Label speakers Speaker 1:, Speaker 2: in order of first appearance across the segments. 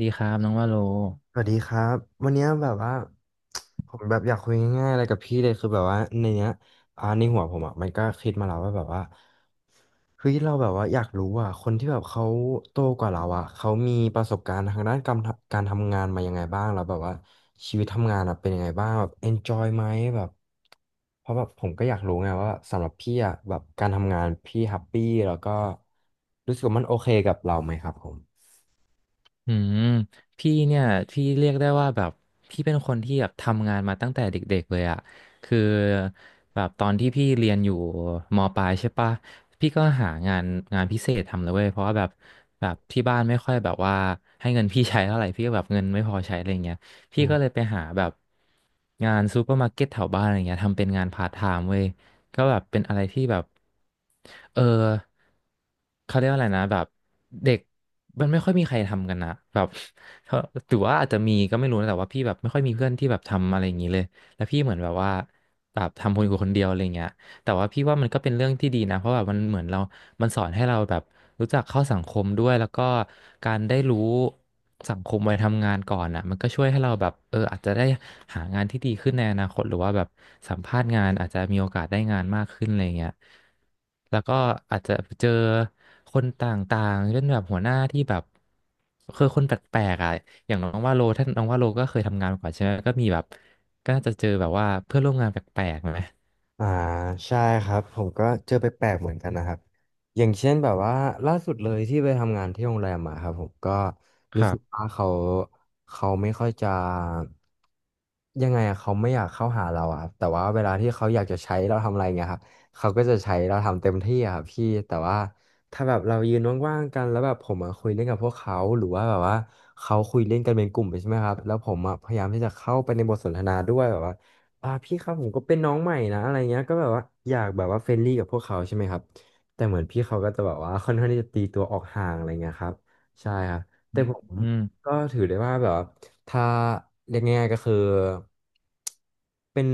Speaker 1: ดีครับน้องว่าโล
Speaker 2: สวัสดีครับวันเนี้ยแบบว่าผมแบบอยากคุยง่ายๆอะไรกับพี่เลยคือแบบว่าในเนี้ยในหัวผมอ่ะมันก็คิดมาแล้วว่าแบบว่าเฮ้ยเราแบบว่าอยากรู้อ่ะคนที่แบบเขาโตกว่าเราอ่ะเขามีประสบการณ์ทางด้านการทำงานมายังไงบ้างแล้วแบบว่าชีวิตทำงานอ่ะเป็นยังไงบ้างแบบ enjoy ไหมแบบเพราะแบบผมก็อยากรู้ไงว่าสำหรับพี่อ่ะแบบการทำงานพี่แฮปปี้แล้วก็รู้สึกว่ามันโอเคกับเราไหมครับผม
Speaker 1: อืมพี่เนี่ยพี่เรียกได้ว่าแบบพี่เป็นคนที่แบบทำงานมาตั้งแต่เด็กๆเลยอะคือแบบตอนที่พี่เรียนอยู่มปลายใช่ปะพี่ก็หางานพิเศษทำเลยเว้ยเพราะว่าแบบที่บ้านไม่ค่อยแบบว่าให้เงินพี่ใช้เท่าไหร่พี่ก็แบบเงินไม่พอใช้อะไรเงี้ยพี่ก็เลยไปหาแบบงานซูเปอร์มาร์เก็ตแถวบ้านอะไรเงี้ยทำเป็นงานพาร์ทไทม์เว้ย ก็แบบเป็นอะไรที่แบบ เออ เขาเรียกว่าอะไรนะแบบเด็กมันไม่ค่อยมีใครทำกันนะแบบเขาหรือว่าอาจจะมีก็ไม่รู้นะแต่ว่าพี่แบบไม่ค่อยมีเพื่อนที่แบบทำอะไรอย่างนี้เลยแล้วพี่เหมือนแบบว่าแบบทำคนอยู่คนเดียวอะไรเงี้ยแต่ว่าพี่ว่ามันก็เป็นเรื่องที่ดีนะเพราะแบบมันเหมือนเรา มันสอนให้เราแบบรู้จักเข้าสังคมด้วยแล้วก็การได้รู้สังคมวัยทำงานก่อนอ่ะมันก็ช่วยให้เราแบบเอออาจจะได้หางานที่ดีขึ้นในอนาคตหรือว่าแบบสัมภาษณ์งานอาจจะมีโอกาสได้งานมากขึ้นอะไรเงี้ยแล้วก็อาจจะเจอคนต่างๆเช่นแบบหัวหน้าที่แบบคือคนแปลกๆอ่ะอย่างน้องว่าโลท่านน้องว่าโลก็เคยทำงานมาก่อนใช่ไหมก็มีแบบก็น่าจะเจอแบบว่าเพื่อนร่วมงานแปลกๆไหม
Speaker 2: อ่าใช่ครับผมก็เจอไปแปลกๆเหมือนกันนะครับอย่างเช่นแบบว่าล่าสุดเลยที่ไปทำงานที่โรงแรมมาครับผมก็
Speaker 1: ค
Speaker 2: รู้
Speaker 1: รั
Speaker 2: สึก
Speaker 1: บ
Speaker 2: ว่าเขาไม่ค่อยจะยังไงอะเขาไม่อยากเข้าหาเราอะครับแต่ว่าเวลาที่เขาอยากจะใช้เราทำอะไรเงี้ยครับเขาก็จะใช้เราทำเต็มที่อะครับพี่แต่ว่าถ้าแบบเรายืนว่างๆกันแล้วแบบผมมาคุยเล่นกับพวกเขาหรือว่าแบบว่าเขาคุยเล่นกันเป็นกลุ่มไปใช่ไหมครับแล้วผมอะพยายามที่จะเข้าไปในบทสนทนาด้วยแบบว่า พี่ครับผมก็เป็นน้องใหม่นะอะไรเงี้ยก็แบบว่าอยากแบบว่าเฟรนลี่กับพวกเขาใช่ไหมครับแต่เหมือนพี่เขาก็จะแบบว่าค่อนข้างที่จะตีตัวออกห่างอะไรเงี้ยครับใช่ครับแต่ผม
Speaker 1: อืม
Speaker 2: ก็ถือได้ว่าแบบว่าถ้าเรียกง่ายๆก็คือเป็น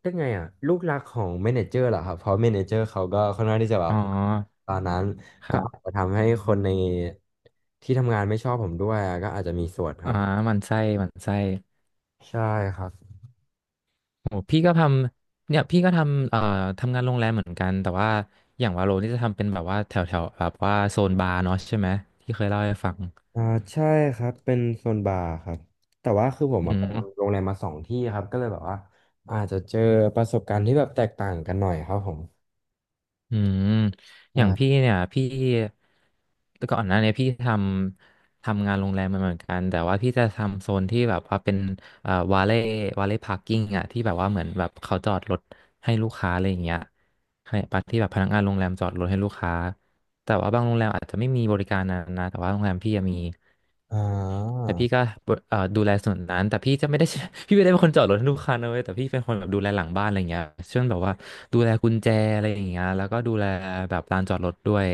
Speaker 2: เรียกไงอ่ะลูกรักของเมเนเจอร์เหรอครับเพราะเมเนเจอร์เขาก็ค่อนข้างที่จะแบ
Speaker 1: อ๋
Speaker 2: บ
Speaker 1: อ
Speaker 2: ตอนนั้น
Speaker 1: ค
Speaker 2: ก็
Speaker 1: รั
Speaker 2: อาจ
Speaker 1: บ
Speaker 2: จะทำให้คนในที่ทำงานไม่ชอบผมด้วยอะก็อาจจะมีส่วนค
Speaker 1: อ่า
Speaker 2: รับ
Speaker 1: หมันไส้หมันไส้
Speaker 2: ใช่ครับ
Speaker 1: โหพี่ก็ทำเนี่ยพี่ก็ทำทำงานโรงแรมเหมือนกันแต่ว่าอย่างวาโลนี่จะทำเป็นแบบว่าแถวแถวแบบว่าโซนบาร์เนาะใช่ไหมที่เคยเล่าให้ฟัง
Speaker 2: อ่าใช่ครับเป็นโซนบาร์ครับแต่ว่าคือผม
Speaker 1: อื
Speaker 2: อะไป
Speaker 1: ม
Speaker 2: ทำโรงแรมมา2 ที่ครับก็เลยแบบว่าอาจจะเจอประสบการณ์ที่แบบแตกต่างกันหน่อยครับผม
Speaker 1: อืมอย่างพี่
Speaker 2: ใช่
Speaker 1: เนี่ยพี่ก่อนหน้าเนียพี่ทำงานโรงแรมมาเหมือนกันแต่ว่าพี่จะทำโซนที่แบบว่าเป็นเอ่อวาเล่พาร์กิ้งอ่ะที่แบบว่าเหมือนแบบเขาจอดรถให้ลูกค้าอะไรอย่างเงี้ยให้ปที่แบบพนักงานโรงแรมจอดรถให้ลูกค้าแต่ว่าบางโรงแรมอาจจะไม่มีบริการนั้นนะแต่ว่าโรงแรมพี่อะมี
Speaker 2: อ่า
Speaker 1: แต่พี่ก็เอ่อดูแลส่วนนั้นแต่พี่จะไม่ได้ พี่ไม่ได้เป็นคนจอดรถให้ลูกค้านะเว้ยแต่พี่เป็นคนแบบดูแลหลังบ้านอะไรเงี้ยเช่นแบบว่าดูแลกุญแจอะไรอย่างเงี้ยแล้วก็ดูแลแบบลานจอดรถด้วย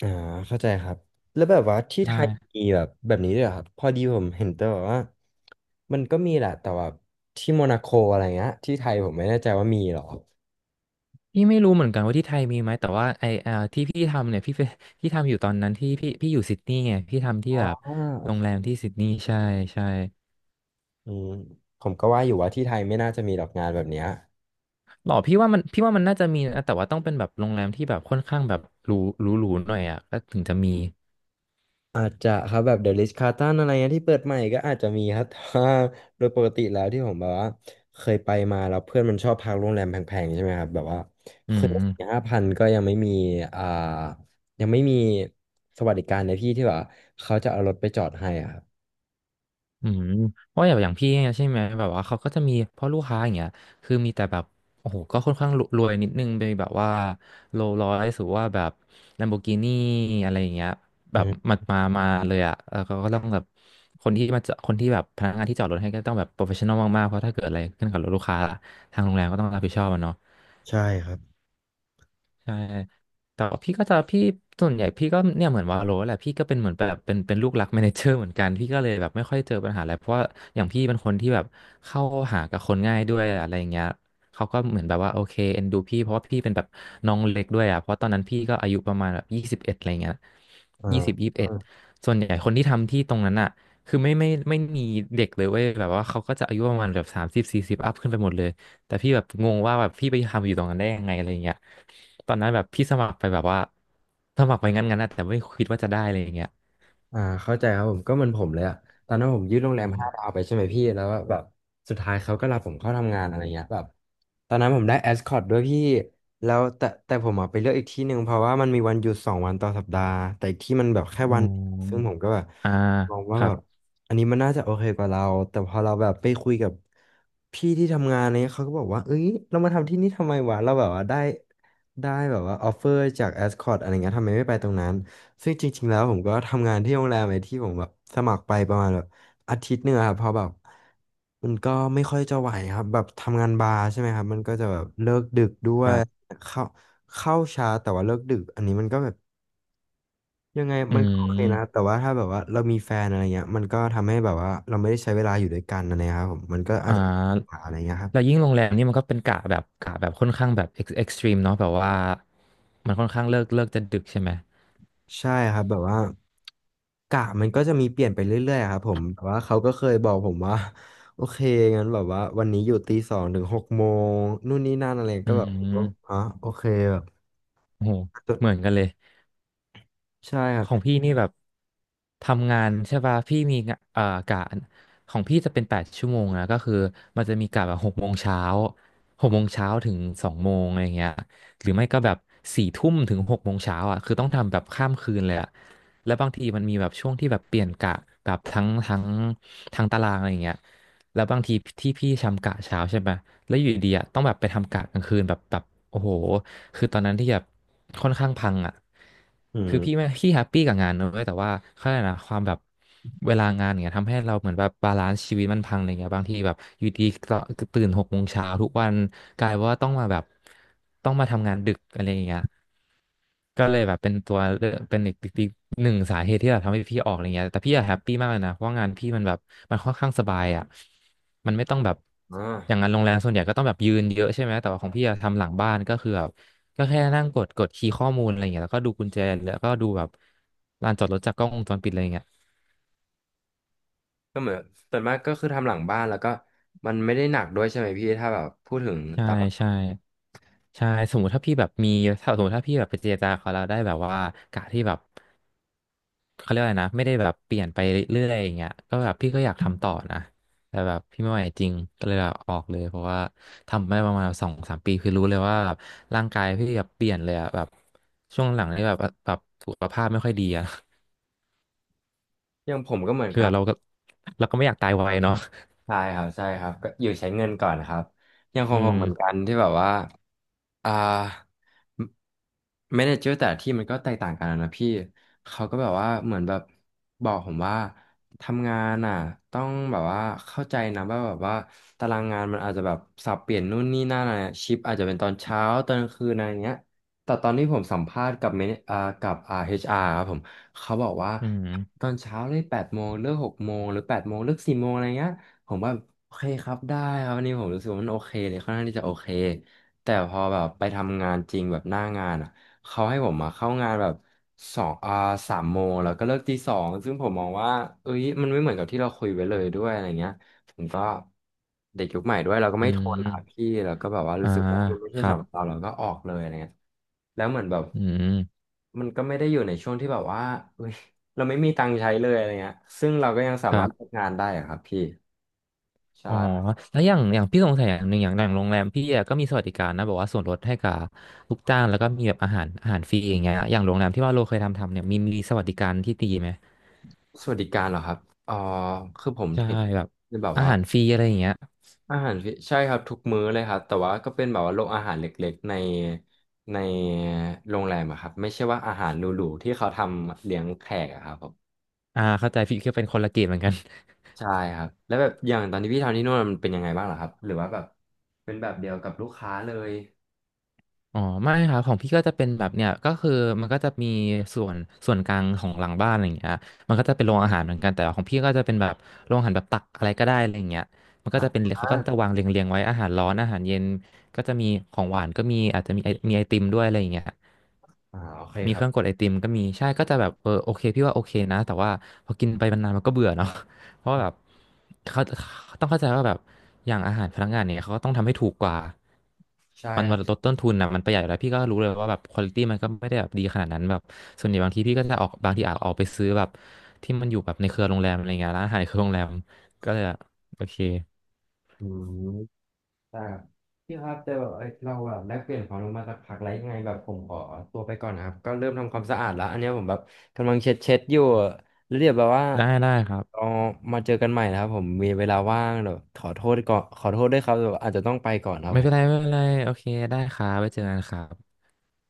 Speaker 2: อ่าเข้าใจครับแล้วแบบว่าที่
Speaker 1: ใ
Speaker 2: ไทย
Speaker 1: ช่
Speaker 2: มีแบบแบบนี้ด้วยเหรอครับพอดีผมเห็นแต่แบบว่ามันก็มีแหละแต่ว่าที่โมนาโกอะไรเงี้ยที่ไทยผมไม่แน่ใจว่ามีเหรอ
Speaker 1: พี่ไม่รู้เหมือนกันว่าที่ไทยมีไหมแต่ว่าไอเอ่อที่พี่ทำเนี่ยพี่ไปพี่ทำอยู่ตอนนั้นที่พี่อยู่ซิดนีย์ไงพี่ทำที่
Speaker 2: อ่า
Speaker 1: แบบ
Speaker 2: โอ
Speaker 1: โรงแร
Speaker 2: เค
Speaker 1: มที่ซิดนีย์ใช่ใช่
Speaker 2: อืมผมก็ว่าอยู่ว่าที่ไทยไม่น่าจะมีหรอกงานแบบเนี้ย
Speaker 1: หรอพี่ว่ามันพี่ว่ามันน่าจะมีนะแต่ว่าต้องเป็นแบบโรงแรมที่แบบค่อนข้างแบบหรูหรูหน่อยอ่ะก็ถึงจะมี
Speaker 2: อาจจะครับแบบเดอะริชคาร์ตันอะไรเงี้ยที่เปิดใหม่ก็อาจจะมีครับ ถตาโดยปกติแล้วที่ผมแบบว่าเคยไปมาแล้วเพื่อนมันชอบพักโรงแรมแพงๆใช่ไหมครับแบบว่า
Speaker 1: อื
Speaker 2: คืนส
Speaker 1: ม
Speaker 2: 5,000ก็ยังไม่มีอ่ายังไม่มีสวัสดิการในที่ที่แบบว่าเขาจะเอารถไปจอดให้อะครับ
Speaker 1: อืมเพราะอย่างพี่เนี่ยใช่ไหมแบบว่าเขาก็จะมีพ่อลูกค้าอย่างเงี้ยคือมีแต่แบบโอ้โหก็ค่อนข้างรวยนิดนึงไปแบบว่าโรลส์รอยซ์หรือว่าแบบลัมโบกินีอะไรอย่างเงี้ยแบ
Speaker 2: อื
Speaker 1: บ
Speaker 2: ม
Speaker 1: มามาเลยอ่ะเออเขาก็ต้องแบบคนที่มาจะคนที่แบบพนักงานที่จอดรถให้ก็ต้องแบบโปรเฟชชั่นอลมากๆเพราะถ้าเกิดอะไรขึ้นกับรถลูกค้าทางโรงแรมก็ต้องรับผิดชอบอะเนาะ
Speaker 2: ใช่ครับ
Speaker 1: ใช่แต่ว่าพี่ก็จะพี่ส่วนใหญ่พี่ก็เนี่ยเหมือนวาโลแหละพี่ก็เป็นเหมือนแบบเป็นลูกรักแมเนเจอร์เหมือนกันพี่ก็เลยแบบไม่ค่อยเจอปัญหาอะไรเพราะว่าอย่างพี่เป็นคนที่แบบเข้าหากับคนง่ายด้วยอะไรอย่างเงี้ยเขาก็เหมือนแบบว่าโอเคเอ็นดูพี่เพราะว่าพี่เป็นแบบน้องเล็กด้วยอ่ะเพราะตอนนั้นพี่ก็อายุประมาณแบบยี่สิบเอ็ดอะไรเงี้ย
Speaker 2: อ่
Speaker 1: ยี่สิบเอ็ด
Speaker 2: า
Speaker 1: ส่วนใหญ่คนที่ทำที่ตรงนั้นอ่ะคือไม่มีเด็กเลยเว้ยแบบว่าเขาก็จะอายุประมาณแบบ3040อัพขึ้นไปหมดเลยแต่พี่แบบงงว่าแบบพี่ไปทำอยู่ตรงนั้นได้ยังไงอะไรเงี้ย ตอนนั้นแบบพี่สมัครไปแบบว่าสมัครไปงั้นๆนะแต่ไม่คิดว่าจะได้อะไรอย่างเงี้ย
Speaker 2: เข้าใจครับผมก็เหมือนผมเลยอะตอนนั้นผมยืดโรงแร
Speaker 1: อื
Speaker 2: มห้าดา
Speaker 1: ม
Speaker 2: วไปใช่ไหมพี่แล้วแบบสุดท้ายเขาก็รับผมเข้าทำงานอะไรเงี้ยแบบตอนนั้นผมได้แอสคอตด้วยพี่แล้วแต่ผมอะไปเลือกอีกที่หนึ่งเพราะว่ามันมีวันหยุด2 วันต่อสัปดาห์แต่อีกที่มันแบบแค่
Speaker 1: อ๋
Speaker 2: วันเดียวซึ่ง
Speaker 1: อ
Speaker 2: ผมก็แบบ
Speaker 1: อ่า
Speaker 2: มอง
Speaker 1: ค
Speaker 2: ว่า
Speaker 1: รั
Speaker 2: แบ
Speaker 1: บ
Speaker 2: บอันนี้มันน่าจะโอเคกว่าเราแต่พอเราแบบไปคุยกับพี่ที่ทำงานเนี้ยเขาก็บอกว่าเอ้ยเรามาทำที่นี่ทำไมวะเราแบบว่าได้แบบว่าออฟเฟอร์จากแอสคอตอะไรเงี้ยทำไมไม่ไปตรงนั้น ซึ่งจริงๆแล้วผมก็ทำงานที่โรงแรมไอ้ที่ผมแบบสมัครไปประมาณแบบอาทิตย์หนึ่งอะครับเพอแบบมันก็ไม่ค่อยจะไหวครับแบบทำงานบาร์ใช่ไหมครับมันก็จะแบบเลิกดึกด้ว
Speaker 1: ค
Speaker 2: ย
Speaker 1: รับ
Speaker 2: เข้าเข้าช้าแต่ว่าเลิกดึกอันนี้มันก็แบบยังไง
Speaker 1: อื
Speaker 2: มันก็โอเคนะ
Speaker 1: ม
Speaker 2: แต่ว่าถ้าแบบว่าเรามีแฟนอะไรเงี้ยมันก็ทำให้แบบว่าเราไม่ได้ใช้เวลาอยู่ด้วยกันอะไรเงี้ยครับผมมันก็อา
Speaker 1: อ่
Speaker 2: จจะมีปัญหา
Speaker 1: า
Speaker 2: อะไรเงี้ยครับ
Speaker 1: แล้วยิ่งโรงแรมนี่มันก็เป็นกะแบบค่อนข้างแบบเอ็กซ์ตรีมเนาะแบบว่ามันค่อนข้างเลิกจะดึกใช่ไหม
Speaker 2: ใช่ครับแบบว่ากะมันก็จะมีเปลี่ยนไปเรื่อยๆครับผมแต่ว่าเขาก็เคยบอกผมว่า โอเคงั้นแบบว่าวันนี้อยู่ตีสองถึงหกโมงนู่นนี่นั่นอะไร
Speaker 1: อื
Speaker 2: ก็แบบอ๋
Speaker 1: ม
Speaker 2: อโอเคแบบ
Speaker 1: โหเหมือนกันเลย
Speaker 2: ใช่ครั
Speaker 1: ของ
Speaker 2: บ
Speaker 1: พี่นี่แบบทำงานใช่ป่ะพี่มีงะกะของพี่จะเป็น8 ชั่วโมงนะก็คือมันจะมีกะแบบหกโมงเช้าหกโมงเช้าถึง2 โมงอะไรเงี้ยหรือไม่ก็แบบ4 ทุ่มถึงหกโมงเช้าอ่ะคือต้องทำแบบข้ามคืนเลยอ่ะ แล้วบางทีมันมีแบบช่วงที่แบบเปลี่ยนกะกับทั้งตารางอะไรอย่างเงี้ยแล้วบางทีที่พี่ทำกะเช้าใช่ไหมแล้วอยู่ดีอ่ะต้องแบบไปทำกะกลางคืนแบบโอ้โหคือตอนนั้นที่แบบค่อนข้างพังอ่ะ
Speaker 2: อื
Speaker 1: คือพี่ไม่
Speaker 2: ม
Speaker 1: พี่แฮปปี้กับงานนะเลยแต่ว่าเขาเรียกอะไรนะความแบบเวลางานอย่างเงี้ยทำให้เราเหมือนแบบบาลานซ์ชีวิตมันพังอะไรเงี้ยบางทีแบบอยู่ดีก็ตื่นหกโมงเช้าทุกวันกลายว่าต้องมาแบบต้องมาทำงานดึกอะไรอย่างเงี้ย ก็เลยแบบเป็นตัวเลือกเป็นอีกหนึ่งสาเหตุที่แบบทำให้พี่ออกอะไรเงี้ยแต่พี่อะแฮปปี้มากเลยนะเพราะว่างานพี่มันแบบมันค่อนข้างสบายอ่ะมันไม่ต้องแบบ
Speaker 2: อ่
Speaker 1: อย่างงาน
Speaker 2: า
Speaker 1: โรงแรมส่วนใหญ่ก็ต้องแบบยืนเยอะใช่ไหมแต่ว่าของพี่อะทำหลังบ้านก็คือแบบก็แค่นั่งกดคีย์ข้อมูลอะไรเงี้ยแล้วก็ดูกุญแจแล้วก็ดูแบบลานจอดรถจากกล้องวงจรปิดอะไรเงี้ย
Speaker 2: ก็เหมือนส่วนมากก็คือทำหลังบ้านแล้วก็มันไม่ได้หนักด้วยใช่ไหมพี่ถ้าแบบพูดถึง
Speaker 1: ใช่
Speaker 2: ตามหลัก
Speaker 1: ใช่ใช่สมมติถ้าพี่แบบมีถ้าสมมติถ้าพี่แบบไปเจรจาเขาแล้วได้แบบว่ากะที่แบบ เขาเรียกว่าอะไรนะไม่ได้แบบเปลี่ยนไปเรื่อยๆอย่างเงี้ยก็แบบพี่ก็อยากทำต่อนะแต่แบบพี่ไม่ไหวจริงก็เลยลาออกเลยเพราะว่าทำไม่ประมาณสองสามปีคือรู้เลยว่าแบบร่างกายพี่แบบเปลี่ยนเลยอะแบบช่วงหลังนี่แบบสุขภาพไม่ค่อยดีอะ
Speaker 2: อย่างผมก็เหมือ น
Speaker 1: คือ
Speaker 2: กั
Speaker 1: แบบ
Speaker 2: น
Speaker 1: เราก็ไม่อยากตายไวเนาะ
Speaker 2: ใช่ครับใช่ครับก็อยู่ใช้เงินก่อนครับอย่างขอ
Speaker 1: อื
Speaker 2: งผม
Speaker 1: ม
Speaker 2: เหมือนกันที่แบบว่า อ่าแมเนเจอร์แต่ละที่มันก็แตกต่างกันนะพี่เขาก็แบบว่าเหมือนแบบบอกผมว่าทำงานอ่ะต้องแบบว่าเข้าใจนะว่าแบบว่าตารางงานมันอาจจะแบบสับเปลี่ยนนู่นนี่นั่นอะไรชิปอาจจะเป็นตอนเช้าตอนกลางคืนอะไรเงี้ยแต่ตอนที่ผมสัมภาษณ์กับเมนกับเอชอาร์ครับผมเขาบอกว่า
Speaker 1: อื
Speaker 2: ต
Speaker 1: ม
Speaker 2: อนเช้าเลยแปดโมงเลิก6 โมงหรือแปดโมงเลิก4 โมงอะไรเงี้ยผมว่าโอเคครับได้ครับวันนี้ผมรู้สึกว่ามันโอเคเลยค่อนข้างที่จะโอเค แต่พอแบบไปทำงานจริงแบบหน้างานอ่ะเขาให้ผมมาเข้างานแบบสองอ่า3 โมงแล้วก็เลิกตี 2ซึ่งผมมองว่าเอ้ยมันไม่เหมือนกับที่เราคุยไว้เลยด้วยอะไรเงี้ยผมก็เด็กยุคใหม่ด้วยเราก็
Speaker 1: อื
Speaker 2: ไม่ทนอ่ะ
Speaker 1: ม
Speaker 2: พี่แล้วก็แบบว่า
Speaker 1: อ่า
Speaker 2: รู้สึกว่ามันไม่
Speaker 1: ค
Speaker 2: ใช่
Speaker 1: รับ
Speaker 2: สำหรับเราเราก็ออกเลยอะไรเงี้ยแล้วเหมือนแบบ
Speaker 1: อืม
Speaker 2: มันก็ไม่ได้อยู่ในช่วงที่แบบว่าเอ้ยเราไม่มีตังค์ใช้เลยอะไรเงี้ยซึ่งเราก็ยังสา
Speaker 1: ครั
Speaker 2: มารถ
Speaker 1: บ
Speaker 2: ทำงานได้อะครับพี่
Speaker 1: อ๋อ
Speaker 2: ใช่
Speaker 1: แล้วอย่างพี่สงสัยอย่างหนึ่งอย่างโรงแรมพี่อะก็มีสวัสดิการนะแบบว่าส่วนลดให้กับลูกจ้างแล้วก็มีแบบอาหารฟรีอย่างเงี้ยอย่างโรงแรมที่ว่าโลเคยทำเนี่ยมีสวัสดิการที่ดีไหม
Speaker 2: สวัสดิการเหรอครับเอ๋อคือผม
Speaker 1: ใช่
Speaker 2: เห็น
Speaker 1: แบบ
Speaker 2: คือแบบ
Speaker 1: อา
Speaker 2: ว่า
Speaker 1: หารฟรีอะไรอย่างเงี้ย
Speaker 2: อาหารฟิใช่ครับทุกมื้อเลยครับแต่ว่าก็เป็นแบบว่าโรงอาหารเล็กๆในในโรงแรมอะครับไม่ใช่ว่าอาหารหรูๆที่เขาทำเลี้ยงแขกอะครับผม
Speaker 1: อ่าเข้าใจพี่ก็เป็นคนละเกมเหมือนกัน
Speaker 2: ใช่ครับแล้วแบบอย่างตอนที่พี่ทำที่นู่นมันเป็นยังไงบ้างเหรอครับหรือว่าแบบเป็นแบบเดียวกับลูกค้าเลย
Speaker 1: อ๋อไม่ครับของพี่ก็จะเป็นแบบเนี่ยก็คือมันก็จะมีส่วนส่วนกลางของหลังบ้านอะไรอย่างเงี้ยมันก็จะเป็นโรงอาหารเหมือนกันแต่ว่าของพี่ก็จะเป็นแบบโรงอาหารแบบตักอะไรก็ได้อะไรอย่างเงี้ยมันก็จะเป็นเขาก็
Speaker 2: อ่า
Speaker 1: จะวางเรียงๆไว้อาหารร้อนอาหารเย็นก็จะมีของหวานก็มีอาจจะมีมีไอติมด้วยอะไรอย่างเงี้ย
Speaker 2: อ่าโอเค
Speaker 1: มี
Speaker 2: ค
Speaker 1: เค
Speaker 2: รั
Speaker 1: รื่องก
Speaker 2: บ
Speaker 1: ดไอติมก็มีใช่ก็จะแบบเออโอเคพี่ว่าโอเคนะแต่ว่าพอกินไปนานๆมันก็เบื่อเนาะ เพราะว่าแบบเขาต้องเข้าใจว่าแบบอย่างอาหารพนักงานเนี่ยเขาก็ต้องทำให้ถูกกว่า
Speaker 2: ใช่
Speaker 1: มัน
Speaker 2: ครั
Speaker 1: มัน
Speaker 2: บ
Speaker 1: ลดต้นทุนนะมันประหยัดอยู่แล้วพี่ก็รู้เลยว่าแบบควอลิตี้มันก็ไม่ได้แบบดีขนาดนั้นแบบส่วนใหญ่บางทีพี่ก็จะออกบางทีอาจออกไปซื้อแบบที่มันอยู่แบบในเครือโรงแรมอะไรเงี้ยร้านอาหารในเครือโรงแรมก็เลยอะโอเค
Speaker 2: อืม อ่ครับพี่ครับแต่แบบเอ้ยเราแบบได้เปลี่ยนความรู้มาสักพักแล้วยังไงแบบผมขอตัวไปก่อนนะครับก็เริ่มทำความสะอาดแล้วอันเนี้ยผมแบบกำลังเช็ดอยู่แล้วเดี๋ยวแบบว่า
Speaker 1: ได้ได้ครั
Speaker 2: เรา
Speaker 1: บ
Speaker 2: มาเจอกันใหม่นะครับผมมีเวลาว่างเดี๋ยวขอโทษก่อนขอโทษด้วยครับเดี๋ยวอาจจะต้องไปก่อนครับ
Speaker 1: ไม่
Speaker 2: ผ
Speaker 1: เป็
Speaker 2: ม
Speaker 1: นไรไม่เป็นไรโอเคได้ครับไว้เจอกันครับ